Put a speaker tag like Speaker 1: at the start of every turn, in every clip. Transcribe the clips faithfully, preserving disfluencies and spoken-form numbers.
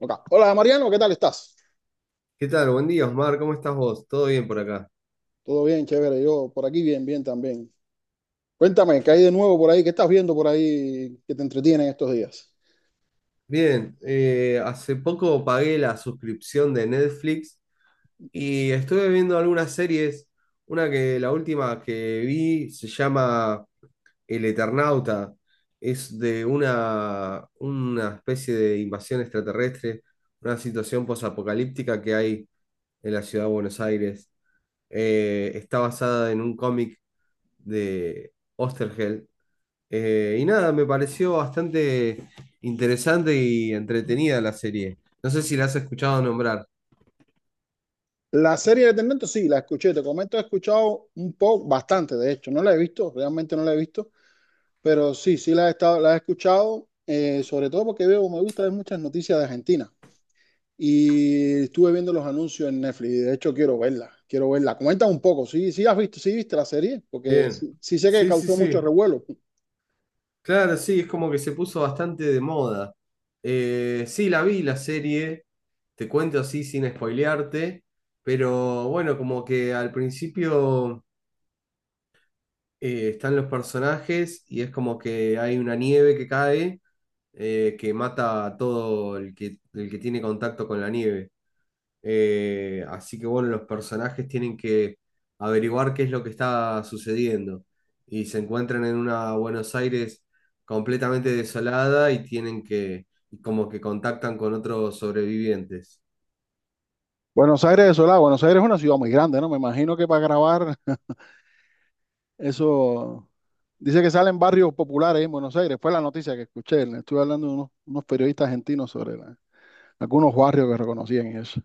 Speaker 1: Ok. Hola Mariano, ¿qué tal estás?
Speaker 2: ¿Qué tal? Buen día, Osmar. ¿Cómo estás vos? ¿Todo bien por acá?
Speaker 1: Todo bien, chévere. Yo por aquí bien, bien también. Cuéntame, ¿qué hay de nuevo por ahí? ¿Qué estás viendo por ahí que te entretiene en estos días?
Speaker 2: Bien, eh, hace poco pagué la suscripción de Netflix y estuve viendo algunas series. Una que la última que vi se llama El Eternauta. Es de una, una especie de invasión extraterrestre, una situación posapocalíptica que hay en la ciudad de Buenos Aires. Eh, está basada en un cómic de Oesterheld. Eh, y nada, me pareció bastante interesante y entretenida la serie. No sé si la has escuchado nombrar.
Speaker 1: La serie de Tendantes, sí, la escuché. Te comento, he escuchado un poco, bastante, de hecho. No la he visto, realmente no la he visto, pero sí, sí la he estado, la he escuchado, eh, sobre todo porque veo, me gusta ver muchas noticias de Argentina. Y estuve viendo los anuncios en Netflix. y De hecho, quiero verla, quiero verla. Comenta un poco, sí, sí has visto, sí viste la serie, porque
Speaker 2: Bien.
Speaker 1: sí, sí sé que
Speaker 2: Sí, sí,
Speaker 1: causó mucho
Speaker 2: sí.
Speaker 1: revuelo.
Speaker 2: Claro, sí, es como que se puso bastante de moda. Eh, sí, la vi la serie, te cuento así sin spoilearte, pero bueno, como que al principio eh, están los personajes y es como que hay una nieve que cae, eh, que mata a todo el que, el que tiene contacto con la nieve. Eh, así que bueno, los personajes tienen que averiguar qué es lo que está sucediendo y se encuentran en una Buenos Aires completamente desolada y tienen que, y como que contactan con otros sobrevivientes.
Speaker 1: Buenos Aires, eso la- Buenos Aires es una ciudad muy grande, ¿no? Me imagino que para grabar eso, dice que salen barrios populares en Buenos Aires, fue la noticia que escuché, le estuve hablando de unos, unos periodistas argentinos sobre la- algunos barrios que reconocían y eso,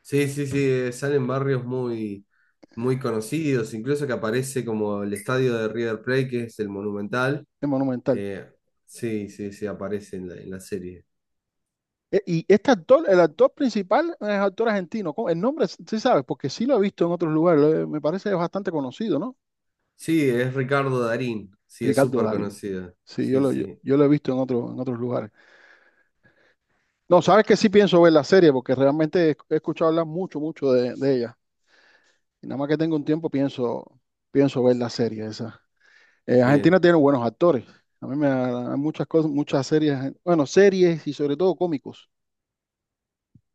Speaker 2: Sí, sí, sí, eh, salen barrios muy, muy conocidos, incluso que aparece como el estadio de River Plate, que es el Monumental.
Speaker 1: es monumental.
Speaker 2: Eh, sí, sí, sí, aparece en la, en la serie.
Speaker 1: E- Y este actor, el actor principal es actor argentino, ¿cómo? El nombre, sí sabes, porque sí lo he visto en otros lugares, lo he- me parece bastante conocido, ¿no?
Speaker 2: Sí, es Ricardo Darín, sí, es
Speaker 1: Ricardo
Speaker 2: súper
Speaker 1: Darín.
Speaker 2: conocido.
Speaker 1: Sí, yo
Speaker 2: Sí,
Speaker 1: lo, yo,
Speaker 2: sí,
Speaker 1: yo lo he visto en otros en otros lugares. No, sabes que sí pienso ver la serie porque realmente he, he escuchado hablar mucho, mucho de de ella. Y nada más que tengo un tiempo, pienso, pienso ver la serie esa. Eh,
Speaker 2: bien.
Speaker 1: Argentina tiene buenos actores. A mí me hay muchas cosas, muchas series, argen- bueno, series y sobre todo cómicos.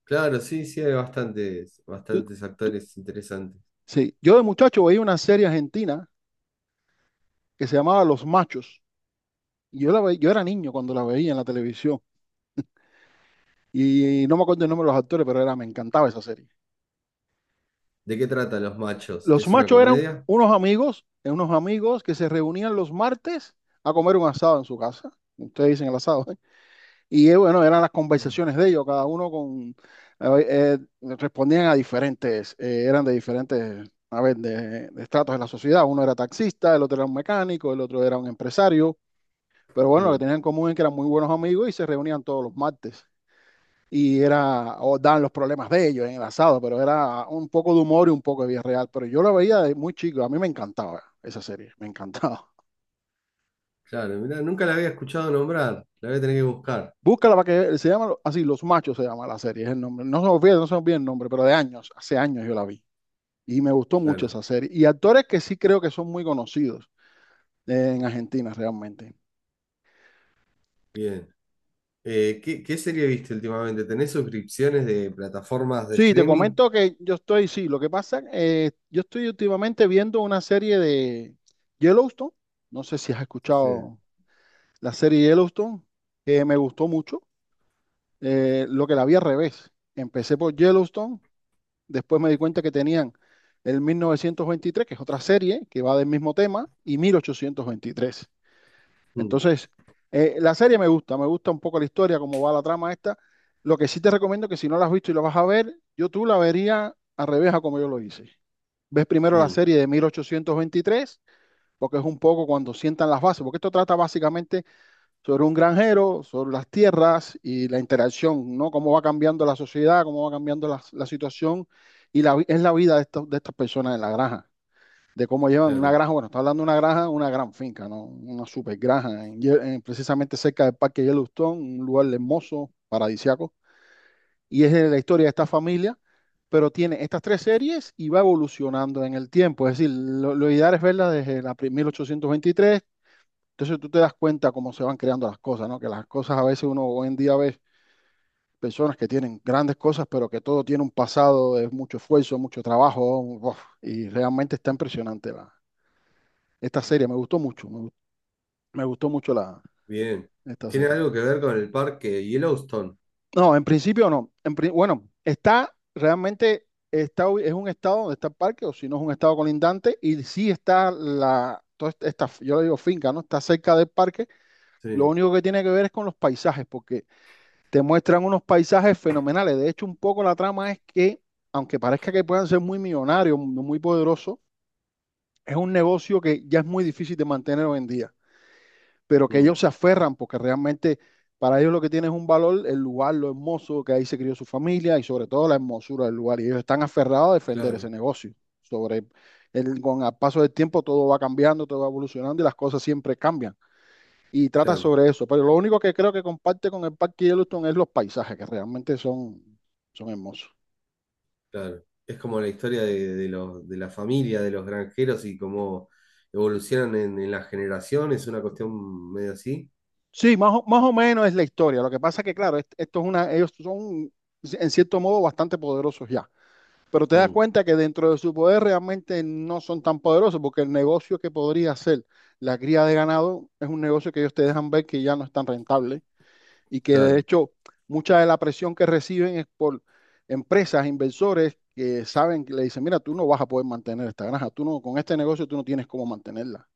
Speaker 2: Claro, sí, sí, hay bastantes,
Speaker 1: Tú-
Speaker 2: bastantes actores interesantes.
Speaker 1: sí, yo de muchacho veía una serie argentina que se llamaba Los Machos. Y yo la ve- yo era niño cuando la veía en la televisión. Y no me acuerdo el nombre de los actores, pero era, me encantaba esa serie.
Speaker 2: ¿De qué tratan Los Machos?
Speaker 1: Los
Speaker 2: ¿Es una
Speaker 1: Machos eran
Speaker 2: comedia?
Speaker 1: unos amigos, eh, unos amigos que se reunían los martes a comer un asado en su casa. Ustedes dicen el asado. ¿Eh? Y eh, bueno, eran las
Speaker 2: Sí.
Speaker 1: conversaciones de ellos, cada uno con eh, eh, respondían a diferentes, eh, eran de diferentes, a ver, de, de estratos de la sociedad. Uno era taxista, el otro era un mecánico, el otro era un empresario. Pero bueno, lo que
Speaker 2: Mm,
Speaker 1: tenían en común es que eran muy buenos amigos y se reunían todos los martes. Y era, o dan los problemas de ellos en el asado, pero era un poco de humor y un poco de vida real. Pero yo la veía de muy chico, a mí me encantaba esa serie, me encantaba.
Speaker 2: claro, mirá, nunca la había escuchado nombrar, la voy a tener que buscar.
Speaker 1: Búscala para que se llama así, Los Machos se llama la serie, es el nombre. No se me olvida, no se me olvida el nombre, pero de años, hace años yo la vi. Y me gustó mucho
Speaker 2: Claro,
Speaker 1: esa serie. Y actores que sí creo que son muy conocidos eh, en Argentina realmente.
Speaker 2: bien. Eh, ¿qué, qué serie viste últimamente? ¿Tenés suscripciones de plataformas de
Speaker 1: Sí, te
Speaker 2: streaming?
Speaker 1: comento que yo estoy, sí, lo que pasa, eh, yo estoy últimamente viendo una serie de Yellowstone. No sé si has
Speaker 2: Sí.
Speaker 1: escuchado la serie Yellowstone, que me gustó mucho. Eh, lo que la vi al revés. Empecé por Yellowstone. Después me di cuenta que tenían el mil novecientos veintitrés que es otra serie que va del mismo tema, y mil ochocientos veintitrés.
Speaker 2: Mm,
Speaker 1: Entonces, eh, la serie me gusta, me gusta un poco la historia, cómo va la trama esta. Lo que sí te recomiendo que si no la has visto y la vas a ver, yo tú la verías al revés a como yo lo hice. Ves primero la
Speaker 2: mm,
Speaker 1: serie de mil ochocientos veintitrés porque es un poco cuando sientan las bases, porque esto trata básicamente sobre un granjero, sobre las tierras y la interacción, ¿no? Cómo va cambiando la sociedad, cómo va cambiando la, la situación y la, vi- es la vida de, estos- de estas personas en la granja, de cómo llevan una
Speaker 2: claro,
Speaker 1: granja, bueno, está hablando de una granja, una gran finca, ¿no? Una super granja, en Ye- en- precisamente cerca del Parque Yellowstone, un lugar hermoso, paradisiaco, y es de la historia de esta familia, pero tiene estas tres series y va evolucionando en el tiempo, es decir, lo, lo ideal es verla desde la pri- mil ochocientos veintitrés. Entonces tú te das cuenta cómo se van creando las cosas, ¿no? Que las cosas a veces uno hoy en día ve personas que tienen grandes cosas, pero que todo tiene un pasado, es mucho esfuerzo, mucho trabajo, uf, y realmente está impresionante la, esta serie. Me gustó mucho, me, gu- me gustó mucho la,
Speaker 2: bien.
Speaker 1: esta
Speaker 2: ¿Tiene
Speaker 1: serie.
Speaker 2: algo que ver con el parque Yellowstone?
Speaker 1: No, en principio no. En pri- bueno, está realmente, está, ubi- es un estado donde está el parque, o si no es un estado colindante, y sí está la, toda esta, esta- yo le digo finca, ¿no? Está cerca del parque. Lo
Speaker 2: Sí,
Speaker 1: único que tiene que ver es con los paisajes, porque te muestran unos paisajes fenomenales. De hecho, un poco la trama es que, aunque parezca que puedan ser muy millonarios, muy poderosos, es un negocio que ya es muy difícil de mantener hoy en día, pero que
Speaker 2: mm,
Speaker 1: ellos se aferran porque realmente para ellos lo que tiene es un valor el lugar, lo hermoso que ahí se crió su familia y sobre todo la hermosura del lugar. Y ellos están aferrados a defender ese
Speaker 2: claro,
Speaker 1: negocio. Sobre el, con el paso del tiempo todo va cambiando, todo va evolucionando y las cosas siempre cambian y trata
Speaker 2: claro.
Speaker 1: sobre eso. Pero lo único que creo que comparte con el Parque Yellowstone es los paisajes, que realmente son, son hermosos.
Speaker 2: Claro, es como la historia de, de los, de la familia, de los granjeros y cómo evolucionan en, en las generaciones, una cuestión medio así.
Speaker 1: Sí, más o, más o menos es la historia. Lo que pasa es que, claro, est- esto es una, ellos son, en cierto modo, bastante poderosos ya. Pero te das
Speaker 2: Mm,
Speaker 1: cuenta que dentro de su poder realmente no son tan poderosos, porque el negocio que podría ser la cría de ganado es un negocio que ellos te dejan ver que ya no es tan rentable y que de
Speaker 2: claro,
Speaker 1: hecho mucha de la presión que reciben es por empresas, inversores que saben, que le dicen, mira, tú no vas a poder mantener esta granja, tú no, con este negocio tú no tienes cómo mantenerla.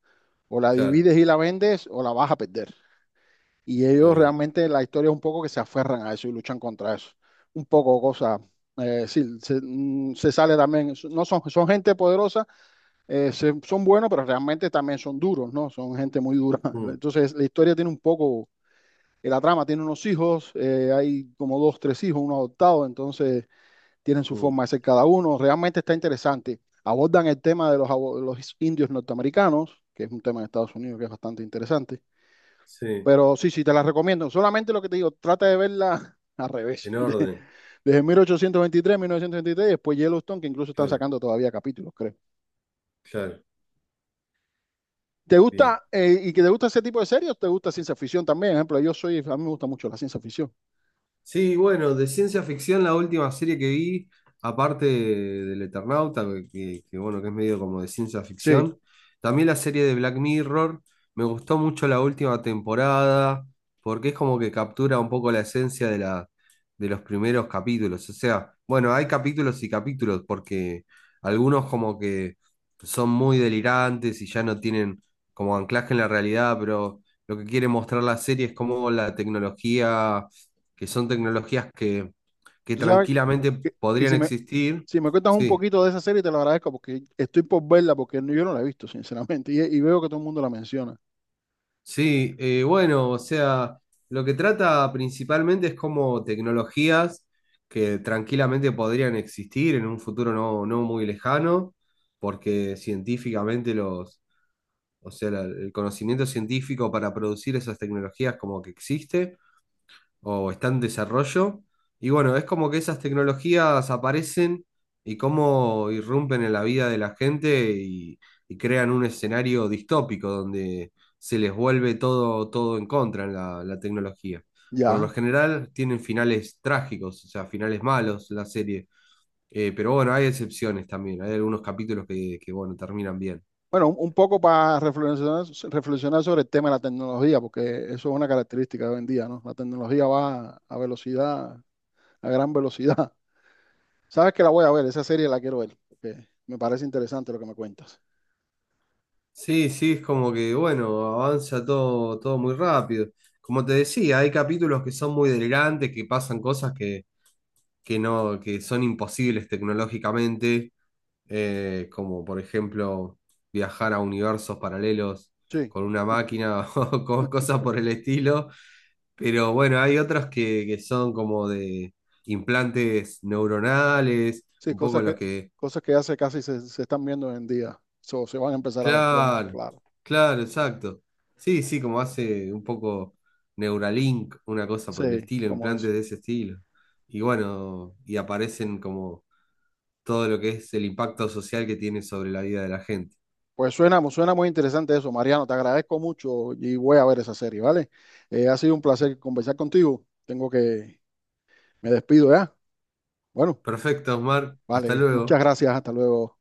Speaker 1: O la
Speaker 2: claro,
Speaker 1: divides y la vendes o la vas a perder. Y
Speaker 2: está
Speaker 1: ellos
Speaker 2: bien.
Speaker 1: realmente la historia es un poco que se aferran a eso y luchan contra eso. Un poco cosa, eh, sí, se, mm, se sale también, no son, son gente poderosa, eh, se- son buenos, pero realmente también son duros, ¿no? Son gente muy dura.
Speaker 2: Mm,
Speaker 1: Entonces la historia tiene un poco eh, la trama tiene unos hijos, eh, hay como dos, tres hijos, uno adoptado, entonces tienen su
Speaker 2: mm,
Speaker 1: forma de ser cada uno. Realmente está interesante. Abordan el tema de los, abo- los indios norteamericanos, que es un tema de Estados Unidos que es bastante interesante.
Speaker 2: sí,
Speaker 1: Pero sí, sí, te la recomiendo. Solamente lo que te digo, trata de verla al revés.
Speaker 2: en
Speaker 1: de-
Speaker 2: orden,
Speaker 1: desde mil ochocientos veintitrés, mil novecientos veintitrés, y después Yellowstone, que incluso están
Speaker 2: claro,
Speaker 1: sacando todavía capítulos, creo.
Speaker 2: claro,
Speaker 1: ¿Te
Speaker 2: bien.
Speaker 1: gusta, eh, y que te gusta ese tipo de series, te gusta ciencia ficción también? Por ejemplo, yo soy, a mí me gusta mucho la ciencia ficción.
Speaker 2: Sí, bueno, de ciencia ficción la última serie que vi, aparte del Eternauta, que, que- que, bueno, que es medio como de ciencia
Speaker 1: Sí,
Speaker 2: ficción, también la serie de Black Mirror, me gustó mucho la última temporada, porque es como que captura un poco la esencia de la, de los primeros capítulos. O sea, bueno, hay capítulos y capítulos, porque algunos como que son muy delirantes y ya no tienen como anclaje en la realidad, pero lo que quiere mostrar la serie es cómo la tecnología, que son tecnologías que, que
Speaker 1: tú sabes
Speaker 2: tranquilamente
Speaker 1: que, que
Speaker 2: podrían
Speaker 1: si me,
Speaker 2: existir.
Speaker 1: Si me cuentas un
Speaker 2: Sí,
Speaker 1: poquito de esa serie, te lo agradezco porque estoy por verla, porque no- yo no la he visto, sinceramente, y, y veo que todo el mundo la menciona.
Speaker 2: sí, eh, bueno, o sea, lo que trata principalmente es como tecnologías que tranquilamente podrían existir en un futuro no, no muy lejano, porque científicamente los, o sea, la- el conocimiento científico para producir esas tecnologías como que existe, o está en desarrollo. Y bueno, es como que esas tecnologías aparecen y cómo irrumpen en la vida de la gente y, y crean un escenario distópico donde se les vuelve todo, todo en contra en la, la tecnología. Por lo
Speaker 1: Ya.
Speaker 2: general tienen finales trágicos, o sea, finales malos la serie. Eh, pero bueno, hay excepciones también. Hay algunos capítulos que, que bueno, terminan bien.
Speaker 1: Bueno, un, un poco para reflexionar, reflexionar sobre el tema de la tecnología, porque eso es una característica de hoy en día, ¿no? La tecnología va a velocidad, a gran velocidad. Sabes que la voy a ver, esa serie la quiero ver, porque me parece interesante lo que me cuentas.
Speaker 2: Sí, sí, es como que, bueno, avanza todo, todo muy rápido. Como te decía, hay capítulos que son muy delirantes, que pasan cosas que, que no, que son imposibles tecnológicamente, eh, como por ejemplo viajar a universos paralelos
Speaker 1: Sí,
Speaker 2: con una máquina o co- cosas por el estilo. Pero bueno, hay otros que, que son como de implantes neuronales,
Speaker 1: sí,
Speaker 2: un poco
Speaker 1: cosas que,
Speaker 2: los que
Speaker 1: cosas que hace casi se, se están viendo hoy en día, so, se van a empezar a ver pronto,
Speaker 2: claro,
Speaker 1: claro.
Speaker 2: claro, exacto. Sí, sí, como hace un poco Neuralink, una cosa por el
Speaker 1: Sí,
Speaker 2: estilo,
Speaker 1: como eso.
Speaker 2: implantes de ese estilo. Y bueno, y aparecen como todo lo que es el impacto social que tiene sobre la vida de la gente.
Speaker 1: Pues suena, mu- suena muy interesante eso, Mariano. Te agradezco mucho y voy a ver esa serie, ¿vale? Eh, ha sido un placer conversar contigo. Tengo que, me despido ya. Bueno,
Speaker 2: Perfecto, Osmar, hasta
Speaker 1: vale, muchas
Speaker 2: luego.
Speaker 1: gracias. Hasta luego.